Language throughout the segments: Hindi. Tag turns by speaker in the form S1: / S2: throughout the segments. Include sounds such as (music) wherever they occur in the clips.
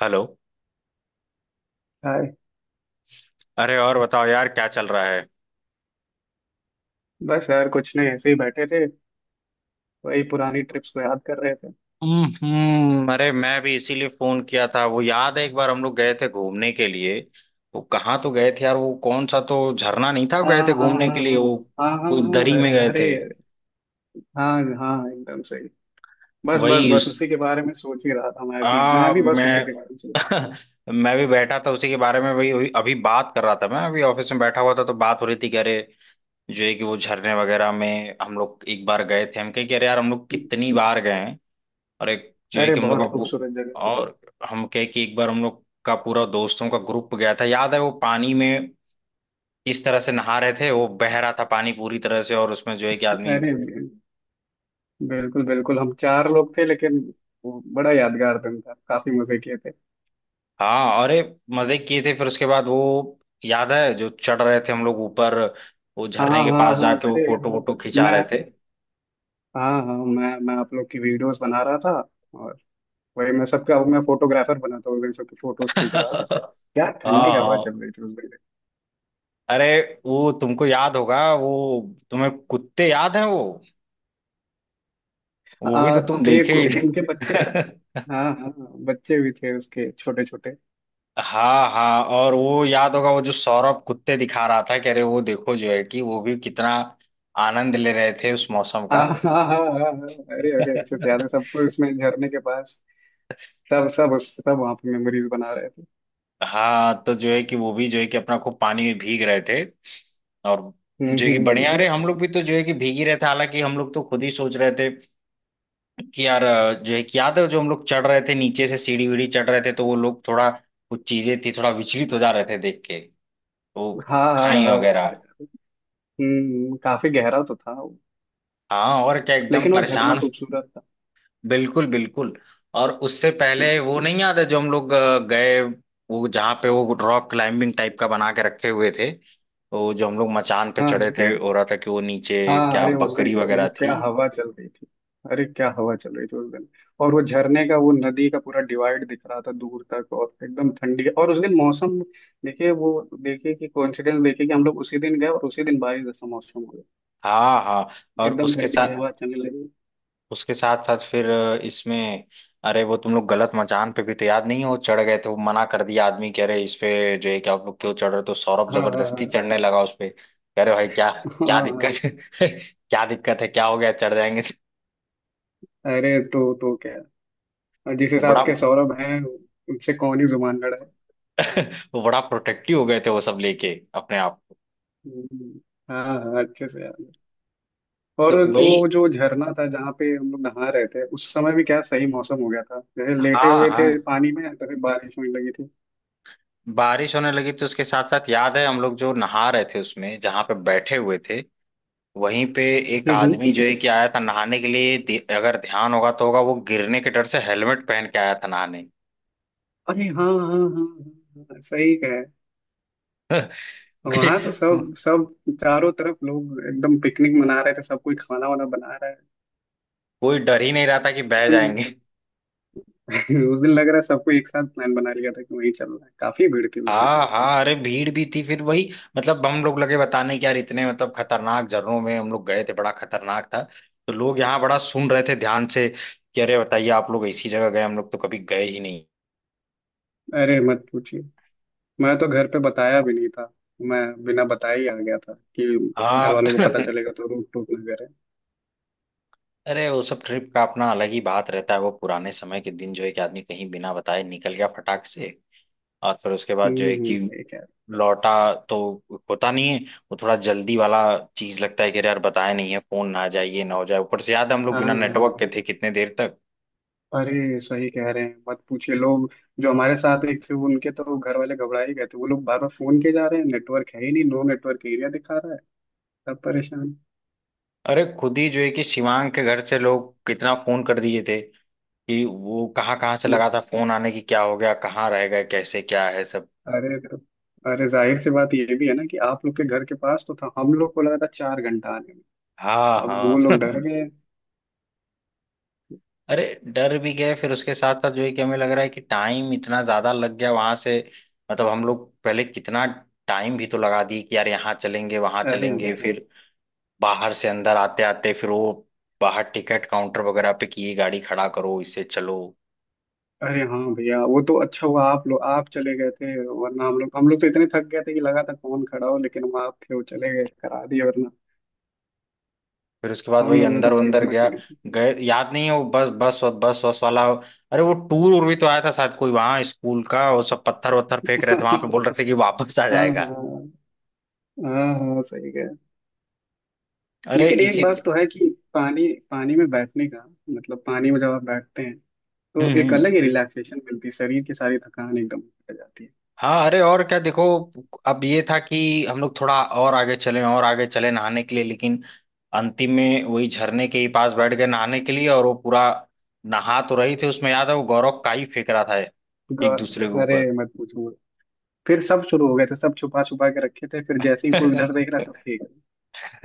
S1: हेलो।
S2: हाय।
S1: अरे और बताओ यार, क्या चल रहा है?
S2: बस यार कुछ नहीं, ऐसे ही बैठे थे। वही पुरानी ट्रिप्स को याद कर रहे थे।
S1: अरे मैं भी इसीलिए फोन किया था, वो याद है एक बार हम लोग गए थे घूमने के लिए? वो कहाँ तो गए थे यार, वो कौन सा तो झरना नहीं था,
S2: हाँ
S1: गए थे
S2: हाँ हाँ
S1: घूमने
S2: हाँ,
S1: के लिए वो?
S2: हाँ हाँ,
S1: कोई दरी में
S2: हाँ,
S1: गए
S2: अरे,
S1: थे।
S2: हाँ हाँ, एकदम सही। बस बस
S1: वही
S2: बस
S1: उस
S2: उसी के बारे में सोच ही रहा था, मैं भी मैं
S1: आ
S2: भी बस उसी
S1: मैं
S2: के बारे में सोच रहा
S1: (laughs) मैं भी बैठा था उसी के बारे में। वही वही अभी बात कर रहा था, मैं अभी ऑफिस में बैठा हुआ था तो बात हो रही थी कि अरे जो है कि वो झरने वगैरह में हम लोग एक बार गए थे। हम कहे कि अरे यार हम लोग कितनी बार गए हैं, और एक जो
S2: था।
S1: है
S2: अरे
S1: कि हम लोग
S2: बहुत
S1: का
S2: खूबसूरत जगह थी।
S1: और हम कहे कि एक बार हम लोग का पूरा दोस्तों का ग्रुप गया था। याद है वो पानी में किस तरह से नहा रहे थे, वो बह रहा था पानी पूरी तरह से, और उसमें जो है कि आदमी।
S2: अरे बिल्कुल बिल्कुल, हम चार लोग थे, लेकिन वो बड़ा यादगार दिन था। काफी मजे किए थे।
S1: हाँ अरे, मजे किए थे फिर उसके बाद वो, याद है जो चढ़ रहे थे हम लोग ऊपर, वो
S2: हाँ
S1: झरने के
S2: हाँ
S1: पास
S2: हाँ,
S1: जाके वो
S2: अरे हाँ
S1: फोटो वोटो
S2: हाँ,
S1: खिंचा
S2: मैं
S1: रहे थे।
S2: हाँ हाँ, मैं आप लोग की वीडियोस बना रहा था। और वही, मैं फोटोग्राफर बना था, वही सबकी फोटोज खींच रहा
S1: (laughs)
S2: था। क्या
S1: हाँ
S2: ठंडी हवा
S1: हाँ,
S2: चल रही थी उस दिन।
S1: अरे वो तुमको याद होगा वो, तुम्हें कुत्ते याद है वो भी तो
S2: आ,
S1: तुम देखे ही
S2: उनके बच्चे,
S1: थे। (laughs)
S2: हाँ हाँ, बच्चे भी थे उसके छोटे छोटे।
S1: हाँ हाँ, और वो याद होगा वो जो सौरभ कुत्ते दिखा रहा था, कह रहे वो देखो जो है कि वो भी कितना आनंद ले रहे थे उस मौसम का।
S2: हाँ हाँ हाँ हाँ, हाँ, अरे अरे, अच्छे
S1: (laughs)
S2: से याद है सबको उसमें झरने के पास सब सब उस सब वहाँ पे मेमोरीज बना रहे थे।
S1: हाँ तो जो है कि वो भी जो है कि अपना को पानी में भीग रहे थे, और
S2: हम्म
S1: जो है कि
S2: हम्म,
S1: बढ़िया।
S2: हम्म।
S1: अरे हम लोग भी तो जो है कि भीग ही रहे थे, हालांकि हम लोग तो खुद ही सोच रहे थे कि यार जो है कि याद है जो हम लोग चढ़ रहे थे, नीचे से सीढ़ी वीढ़ी चढ़ रहे थे तो वो लोग थोड़ा, कुछ चीजें थी, थोड़ा विचलित हो जा रहे थे देख के, वो
S2: हाँ हाँ
S1: खाई
S2: हाँ
S1: वगैरह।
S2: यार, काफी गहरा तो था वो।
S1: हाँ और क्या एकदम
S2: लेकिन वो झरना
S1: परेशान।
S2: खूबसूरत था।
S1: बिल्कुल बिल्कुल, और उससे पहले
S2: हम्म,
S1: वो नहीं याद है जो हम लोग गए, वो जहाँ पे वो रॉक क्लाइंबिंग टाइप का बना के रखे हुए थे, तो जो हम लोग मचान पे
S2: हाँ
S1: चढ़े
S2: हाँ।
S1: थे, हो रहा था कि वो नीचे
S2: हाँ
S1: क्या
S2: अरे उस दिन,
S1: बकरी
S2: क्या
S1: वगैरह
S2: वो,
S1: थी।
S2: क्या हवा चल रही थी। अरे क्या हवा चल रही थी उस दिन। और वो झरने का, वो नदी का पूरा डिवाइड दिख रहा था दूर तक, और एकदम ठंडी, और उस दिन मौसम, देखिए, वो देखिए कि कोइंसिडेंस देखिए कि हम लोग उसी दिन गए और उसी दिन बारिश जैसा मौसम हो गया,
S1: हाँ हाँ, और
S2: एकदम
S1: उसके
S2: ठंडी
S1: साथ,
S2: हवा चलने लगी।
S1: उसके साथ साथ फिर इसमें अरे वो तुम लोग गलत मचान पे भी तो याद नहीं है वो चढ़ गए थे, वो मना कर दिया आदमी कि अरे इस पे जो है कि आप लोग क्यों चढ़ रहे हो, तो सौरभ
S2: हाँ
S1: जबरदस्ती
S2: हाँ
S1: चढ़ने लगा उस पे, कह रहे भाई क्या,
S2: हाँ
S1: क्या
S2: हाँ, हाँ।
S1: दिक्कत है? (laughs) क्या दिक्कत है, क्या हो गया, चढ़ जाएंगे तो।
S2: अरे, तो क्या। और जिस
S1: वो बड़ा
S2: हिसाब के सौरभ हैं, उनसे कौन ही जुबान लड़ाए।
S1: (laughs) वो बड़ा प्रोटेक्टिव हो गए थे वो सब लेके अपने आप को।
S2: हम्म, हाँ हाँ, अच्छे से याद है। और
S1: तो वही
S2: वो जो झरना था, जहाँ पे हम लोग नहा रहे थे, उस समय भी क्या सही मौसम हो गया था, जैसे लेटे
S1: हाँ
S2: हुए
S1: हाँ,
S2: थे पानी में तभी बारिश होने लगी थी।
S1: बारिश होने लगी तो उसके साथ साथ याद है हम लोग जो नहा रहे थे उसमें, जहां पे बैठे हुए थे वहीं पे एक
S2: हम्म हम्म।
S1: आदमी जो है कि आया था नहाने के लिए, अगर ध्यान होगा तो होगा, वो गिरने के डर से हेलमेट पहन के आया था नहाने।
S2: अरे हाँ हाँ हाँ हाँ हाँ, सही कहे।
S1: (laughs)
S2: वहां तो
S1: क्योंकि
S2: सब सब चारों तरफ लोग एकदम पिकनिक मना रहे थे, सब कोई खाना वाना बना रहा है।
S1: कोई डर ही नहीं रहा था कि बह
S2: उन-
S1: जाएंगे।
S2: (laughs) उस दिन लग रहा है सबको एक साथ प्लान बना लिया था कि वहीं चलना है, काफी भीड़ थी उस दिन।
S1: हाँ हाँ, अरे भीड़ भी थी फिर वही, मतलब हम लोग लगे बताने कि यार इतने मतलब खतरनाक झरनों में हम लोग गए थे, बड़ा खतरनाक था, तो लोग यहाँ बड़ा सुन रहे थे ध्यान से, कि अरे बताइए आप लोग ऐसी जगह गए, हम लोग तो कभी गए ही नहीं।
S2: अरे मत पूछिए, मैं तो घर पे बताया भी नहीं था, मैं बिना बताए ही आ गया था कि घर
S1: हाँ।
S2: वालों को पता
S1: (laughs)
S2: चलेगा तो रूठ टूट ना करे।
S1: अरे वो सब ट्रिप का अपना अलग ही बात रहता है। वो पुराने समय के दिन जो है कि आदमी कहीं बिना बताए निकल गया फटाक से, और फिर उसके बाद जो है कि
S2: सही।
S1: लौटा, तो होता नहीं है। वो थोड़ा जल्दी वाला चीज लगता है कि अरे यार बताया नहीं है, फोन ना आ जाए, ये ना हो जाए, ऊपर से याद है हम लोग
S2: हाँ
S1: बिना
S2: हाँ,
S1: नेटवर्क के थे कितने देर तक।
S2: अरे सही कह रहे हैं, मत पूछिए लोग। जो हमारे साथ एक थे, उनके तो घर वाले घबरा ही गए थे, वो लोग बार बार फोन किए जा रहे हैं, नेटवर्क है ही नहीं, नो नेटवर्क एरिया दिखा रहा है, सब परेशान।
S1: अरे खुद ही जो है कि शिवांग के घर से लोग कितना फोन कर दिए थे, कि वो कहाँ कहाँ से
S2: म-
S1: लगा था फोन आने की, क्या हो गया, कहाँ रह गए, कैसे क्या है सब।
S2: अरे तो अरे जाहिर सी बात ये भी है ना कि आप लोग के घर के पास तो था, हम लोग को लगा था चार घंटा आने में।
S1: हाँ
S2: अब वो
S1: हाँ।
S2: लोग डर
S1: (laughs)
S2: गए।
S1: अरे डर भी गए, फिर उसके साथ साथ जो है कि हमें लग रहा है कि टाइम इतना ज्यादा लग गया वहां से, मतलब हम लोग पहले कितना टाइम भी तो लगा दिए कि यार यहाँ चलेंगे वहां
S2: अरे।
S1: चलेंगे, फिर बाहर से अंदर आते आते फिर वो बाहर टिकट काउंटर वगैरह पे किए, गाड़ी खड़ा करो इससे चलो,
S2: अरे हाँ भैया, वो तो अच्छा हुआ आप लोग आप चले गए थे, वरना हम लोग तो इतने थक गए थे कि लगा था कौन खड़ा हो, लेकिन वो आप थे, वो चले गए करा दिए, वरना
S1: फिर उसके बाद
S2: हम
S1: वही
S2: लोगों में तो
S1: अंदर
S2: थी
S1: अंदर
S2: हिम्मत
S1: गया।
S2: ही नहीं
S1: गए याद नहीं है वो बस बस बस बस वाला, अरे वो टूर उर भी तो आया था शायद कोई वहां स्कूल का, वो सब पत्थर वत्थर
S2: थी।
S1: फेंक रहे थे वहां पे, बोल
S2: (laughs)
S1: रहे थे कि वापस आ
S2: हाँ
S1: जाएगा।
S2: हाँ हाँ हाँ सही कह रहे हैं।
S1: अरे
S2: लेकिन एक
S1: इसी
S2: बात तो है कि पानी पानी में बैठने का मतलब, पानी में जब आप बैठते हैं तो एक
S1: हम्म।
S2: अलग ही रिलैक्सेशन मिलती है, शरीर की सारी थकान एकदम हट जाती है।
S1: हाँ अरे और क्या देखो, अब ये था कि हम लोग थोड़ा और आगे चले नहाने के लिए, लेकिन अंतिम में वही झरने के ही पास बैठ गए नहाने के लिए, और वो पूरा नहा तो रही थी उसमें। याद है वो गौरव काई फेंक रहा था एक
S2: गौर
S1: दूसरे के
S2: अरे
S1: ऊपर।
S2: मत पूछो, मत। फिर सब शुरू हो गए थे, सब छुपा छुपा के रखे थे, फिर जैसे ही कोई उधर देख रहा सब
S1: (laughs)
S2: फेंक
S1: (laughs)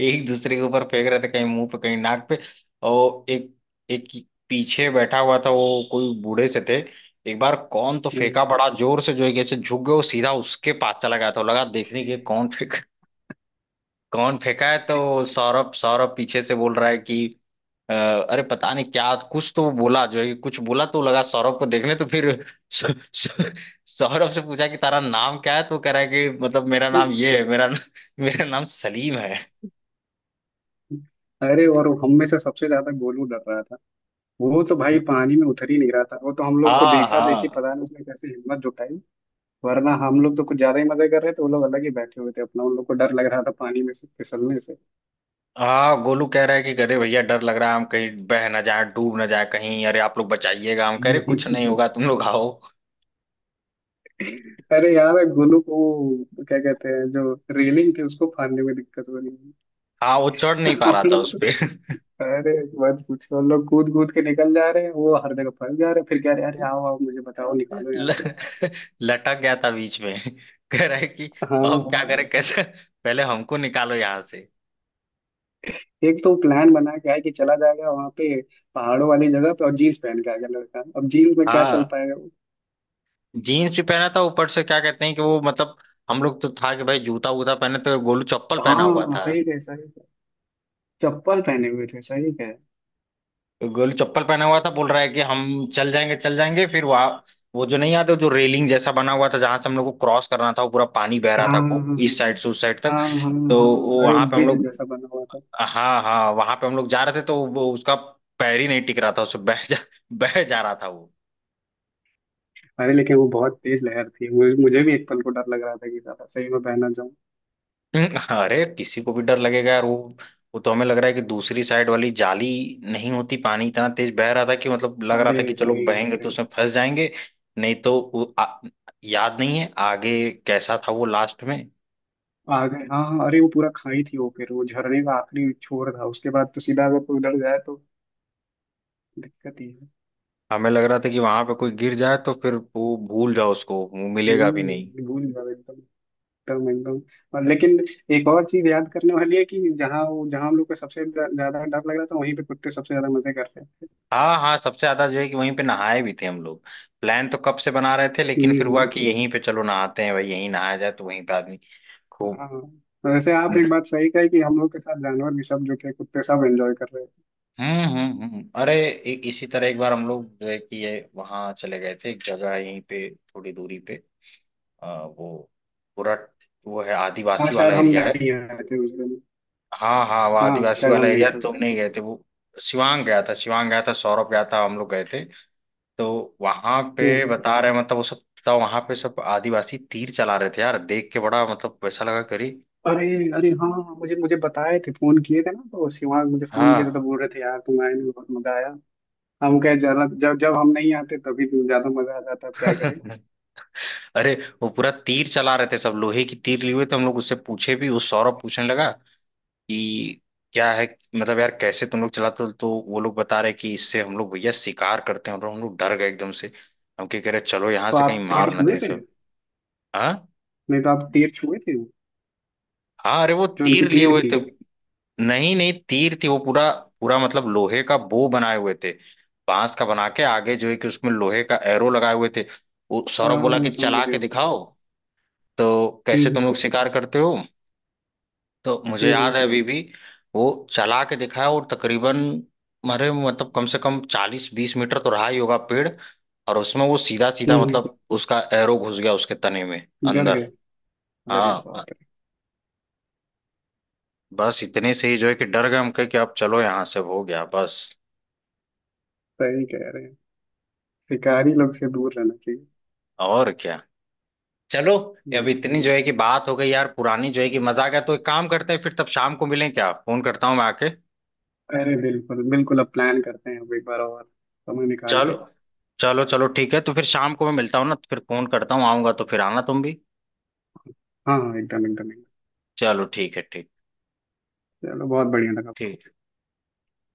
S1: एक दूसरे के ऊपर फेंक रहे थे, कहीं मुंह पे कहीं नाक पे, और एक एक पीछे बैठा हुआ था वो कोई बूढ़े से थे। एक बार कौन तो
S2: रहे।
S1: फेंका बड़ा जोर से, जो है कैसे झुक गए, वो सीधा उसके पास चला गया था, लगा देखने के कौन फेंक, कौन फेंका है। तो सौरभ सौरभ पीछे से बोल रहा है कि अरे पता नहीं क्या कुछ तो वो बोला जो है कि कुछ बोला तो लगा सौरभ को देखने, तो फिर (laughs) सौ- सौ- सौरभ से पूछा कि तारा नाम क्या है, तो कह रहा है कि मतलब मेरा नाम
S2: हम्म।
S1: ये है, मेरा मेरा नाम सलीम है।
S2: अरे, और हम में से सबसे ज्यादा गोलू डर रहा था, वो तो भाई पानी में उतर ही नहीं रहा था, वो तो हम लोग को
S1: हाँ
S2: देखा देखी,
S1: हाँ
S2: पता नहीं उसने कैसे हिम्मत जुटाई, वरना हम लोग तो कुछ ज्यादा ही मजे कर रहे थे, वो लोग अलग ही बैठे हुए थे अपना, उन लोग को डर लग रहा था पानी में से फिसलने से।
S1: हाँ, गोलू कह रहा है कि अरे भैया डर लग रहा है, हम कहीं बह ना जाए, डूब ना जाए कहीं, अरे आप लोग बचाइएगा, हम कह रहे कुछ
S2: (laughs)
S1: नहीं होगा तुम लोग आओ।
S2: अरे यार गोलू को वो क्या कहते हैं, जो रेलिंग थी उसको फाड़ने में दिक्कत हो रही है।
S1: हाँ, वो चढ़ नहीं
S2: (laughs)
S1: पा
S2: हम
S1: रहा था
S2: लोग
S1: उस
S2: तो
S1: पे।
S2: अरे मत पूछो, हम लोग कूद कूद के निकल जा रहे हैं, वो हर जगह फंस जा रहे हैं, फिर कह रहे हैं, अरे आओ आओ मुझे बताओ निकालो यहाँ से।
S1: ल- लटक गया था बीच में, कह रहा है कि अब क्या
S2: हाँ।
S1: करें कैसे, पहले हमको निकालो यहाँ से।
S2: एक तो प्लान बना के आया कि चला जाएगा वहां पे पहाड़ों वाली जगह पे, और जीन्स पहन के आ गया लड़का, अब जीन्स में क्या चल
S1: हाँ
S2: पाएगा वो।
S1: जीन्स भी पहना था ऊपर से, क्या कहते हैं कि वो मतलब, हम लोग तो था कि भाई जूता वूता पहने, तो गोलू चप्पल पहना हुआ
S2: हाँ
S1: था।
S2: सही है सही, चप्पल पहने हुए थे, सही है।
S1: गोलू चप्पल पहना हुआ था, बोल रहा है कि हम चल जाएंगे चल जाएंगे, फिर वहां वो जो नहीं आता जो रेलिंग जैसा बना हुआ था, जहां से हम लोग को क्रॉस करना था वो पूरा पानी बह
S2: हाँ
S1: रहा था खूब,
S2: हाँ
S1: इस साइड से उस साइड तक।
S2: हाँ हाँ हाँ
S1: तो
S2: हाँ।
S1: वो
S2: अरे
S1: वहां
S2: वो
S1: पे हम
S2: ब्रिज
S1: लोग।
S2: जैसा बना हुआ था।
S1: हाँ हाँ, वहां पे हम लोग जा रहे थे तो वो उसका पैर ही नहीं टिक रहा था, उससे बह जा (laughs) बह जा रहा था वो।
S2: अरे लेकिन वो बहुत तेज लहर थी, मुझे मुझे भी एक पल को डर लग रहा था कि ज्यादा सही में बह ना जाऊं।
S1: हम्म, अरे किसी को भी डर लगेगा यार वो तो हमें लग रहा है कि दूसरी साइड वाली जाली नहीं होती, पानी इतना तेज बह रहा था कि मतलब लग रहा था कि
S2: अरे
S1: चलो
S2: सही में
S1: बहेंगे
S2: से
S1: तो उसमें फंस जाएंगे। नहीं तो वो याद नहीं है आगे कैसा था वो लास्ट में।
S2: आ गए। हाँ हाँ, अरे वो पूरा खाई थी वो, फिर वो झरने का आखिरी छोर था, उसके बाद तो सीधा अगर कोई उधर जाए तो दिक्कत ही है।
S1: हमें लग रहा था कि वहां पे कोई गिर जाए तो फिर वो भूल जाओ उसको, वो मिलेगा भी नहीं।
S2: हम्म, भूल जाओ एकदम, एकदम एकदम। और लेकिन एक और चीज याद करने वाली है कि जहाँ वो, जहाँ हम लोग को सबसे ज्यादा डर लग रहा था, वहीं पे कुत्ते सबसे ज्यादा मजे कर रहे थे।
S1: हाँ हाँ, सबसे ज्यादा जो है कि वहीं पे नहाए भी थे हम लोग। प्लान तो कब से बना रहे थे, लेकिन
S2: हम्म
S1: फिर हुआ
S2: हम्म।
S1: कि यहीं पे चलो नहाते हैं भाई, यहीं नहाया जाए, तो वहीं पे आदमी खूब।
S2: हाँ वैसे आप एक बात सही कही कि हम लोग के साथ जानवर भी, सब जो थे कुत्ते, सब एंजॉय कर रहे थे।
S1: अरे इसी तरह एक बार हम लोग जो है कि ये वहाँ चले गए थे एक जगह यहीं पे थोड़ी दूरी पे, वो पूरा वो है
S2: हाँ
S1: आदिवासी वाला
S2: शायद हम
S1: एरिया है।
S2: नहीं आए थे उस दिन।
S1: हाँ हाँ, वो
S2: हाँ
S1: आदिवासी
S2: शायद हम
S1: वाला
S2: नहीं
S1: एरिया
S2: थे उस
S1: तुम
S2: दिन।
S1: नहीं गए थे वो, शिवांग गया था शिवांग गया था, सौरभ गया था, हम लोग गए थे, तो वहां पे
S2: हम्म।
S1: बता रहे मतलब वो सब था, वहां पे सब आदिवासी तीर चला रहे थे यार, देख के बड़ा मतलब वैसा लगा करी।
S2: अरे अरे हाँ, मुझे मुझे बताए थे, फोन किए थे ना, तो शिवांग मुझे फोन किया था, तो
S1: हाँ।
S2: बोल रहे थे यार तुम आए नहीं, बहुत मजा आया। हम कहे ज्यादा, जब जब हम नहीं आते तभी तो ज्यादा मजा आ जाता, अब क्या करें।
S1: (laughs) अरे वो पूरा तीर चला रहे थे सब, लोहे की तीर लिए हुए थे, हम लोग उससे पूछे भी, उस सौरभ पूछने लगा कि क्या है मतलब यार कैसे तुम लोग चलाते हो, तो वो लोग बता रहे कि इससे हम लोग भैया शिकार करते हैं, और हम लोग डर गए एकदम से। हम क्या कह रहे चलो यहाँ
S2: तो
S1: से, कहीं
S2: आप
S1: मार
S2: तीर
S1: हाँ ना दें
S2: छुए
S1: बाप
S2: थे?
S1: सब। हाँ
S2: नहीं तो आप तीर छुए थे
S1: हाँ, अरे वो
S2: जो उनकी
S1: तीर लिए
S2: तीर
S1: हुए
S2: थी?
S1: थे, नहीं नहीं तीर थी वो पूरा, पूरा मतलब लोहे का बो बनाए हुए थे, बांस का बना के आगे जो है कि उसमें लोहे का एरो लगाए हुए थे। वो सौरभ बोला
S2: हाँ
S1: कि
S2: समझ
S1: चला के
S2: गए समझ गए।
S1: दिखाओ, तो कैसे तुम
S2: हम्म
S1: लोग शिकार करते हो। तो मुझे
S2: हम्म हम्म
S1: याद है अभी भी वो चला के दिखाया, और तकरीबन मरे मतलब कम से कम 40 20 मीटर तो रहा ही होगा पेड़, और उसमें वो सीधा सीधा
S2: हम्म,
S1: मतलब उसका एरो घुस गया उसके तने में
S2: गड़ गए।
S1: अंदर।
S2: अरे
S1: हाँ
S2: बाप रे।
S1: बस इतने से ही जो है कि डर गए, हम कहे कि अब चलो यहाँ से हो गया बस।
S2: सही कह रहे हैं, शिकारी लोग से दूर रहना चाहिए।
S1: और क्या, चलो। अब
S2: हम्म।
S1: इतनी जो है कि बात हो गई यार पुरानी, जो है कि मजा आ गया, तो एक काम करते हैं फिर तब शाम को मिलें क्या, फोन करता हूँ मैं आके।
S2: अरे बिल्कुल बिल्कुल, अब प्लान करते हैं अब एक बार और, समय निकाल के।
S1: चलो चलो चलो ठीक है, तो फिर शाम को मैं मिलता हूँ ना, तो फिर फोन करता हूँ, आऊंगा तो फिर आना तुम भी।
S2: हाँ हाँ एकदम एकदम एकदम।
S1: चलो ठीक है ठीक,
S2: चलो, बहुत बढ़िया लगा।
S1: ठीक।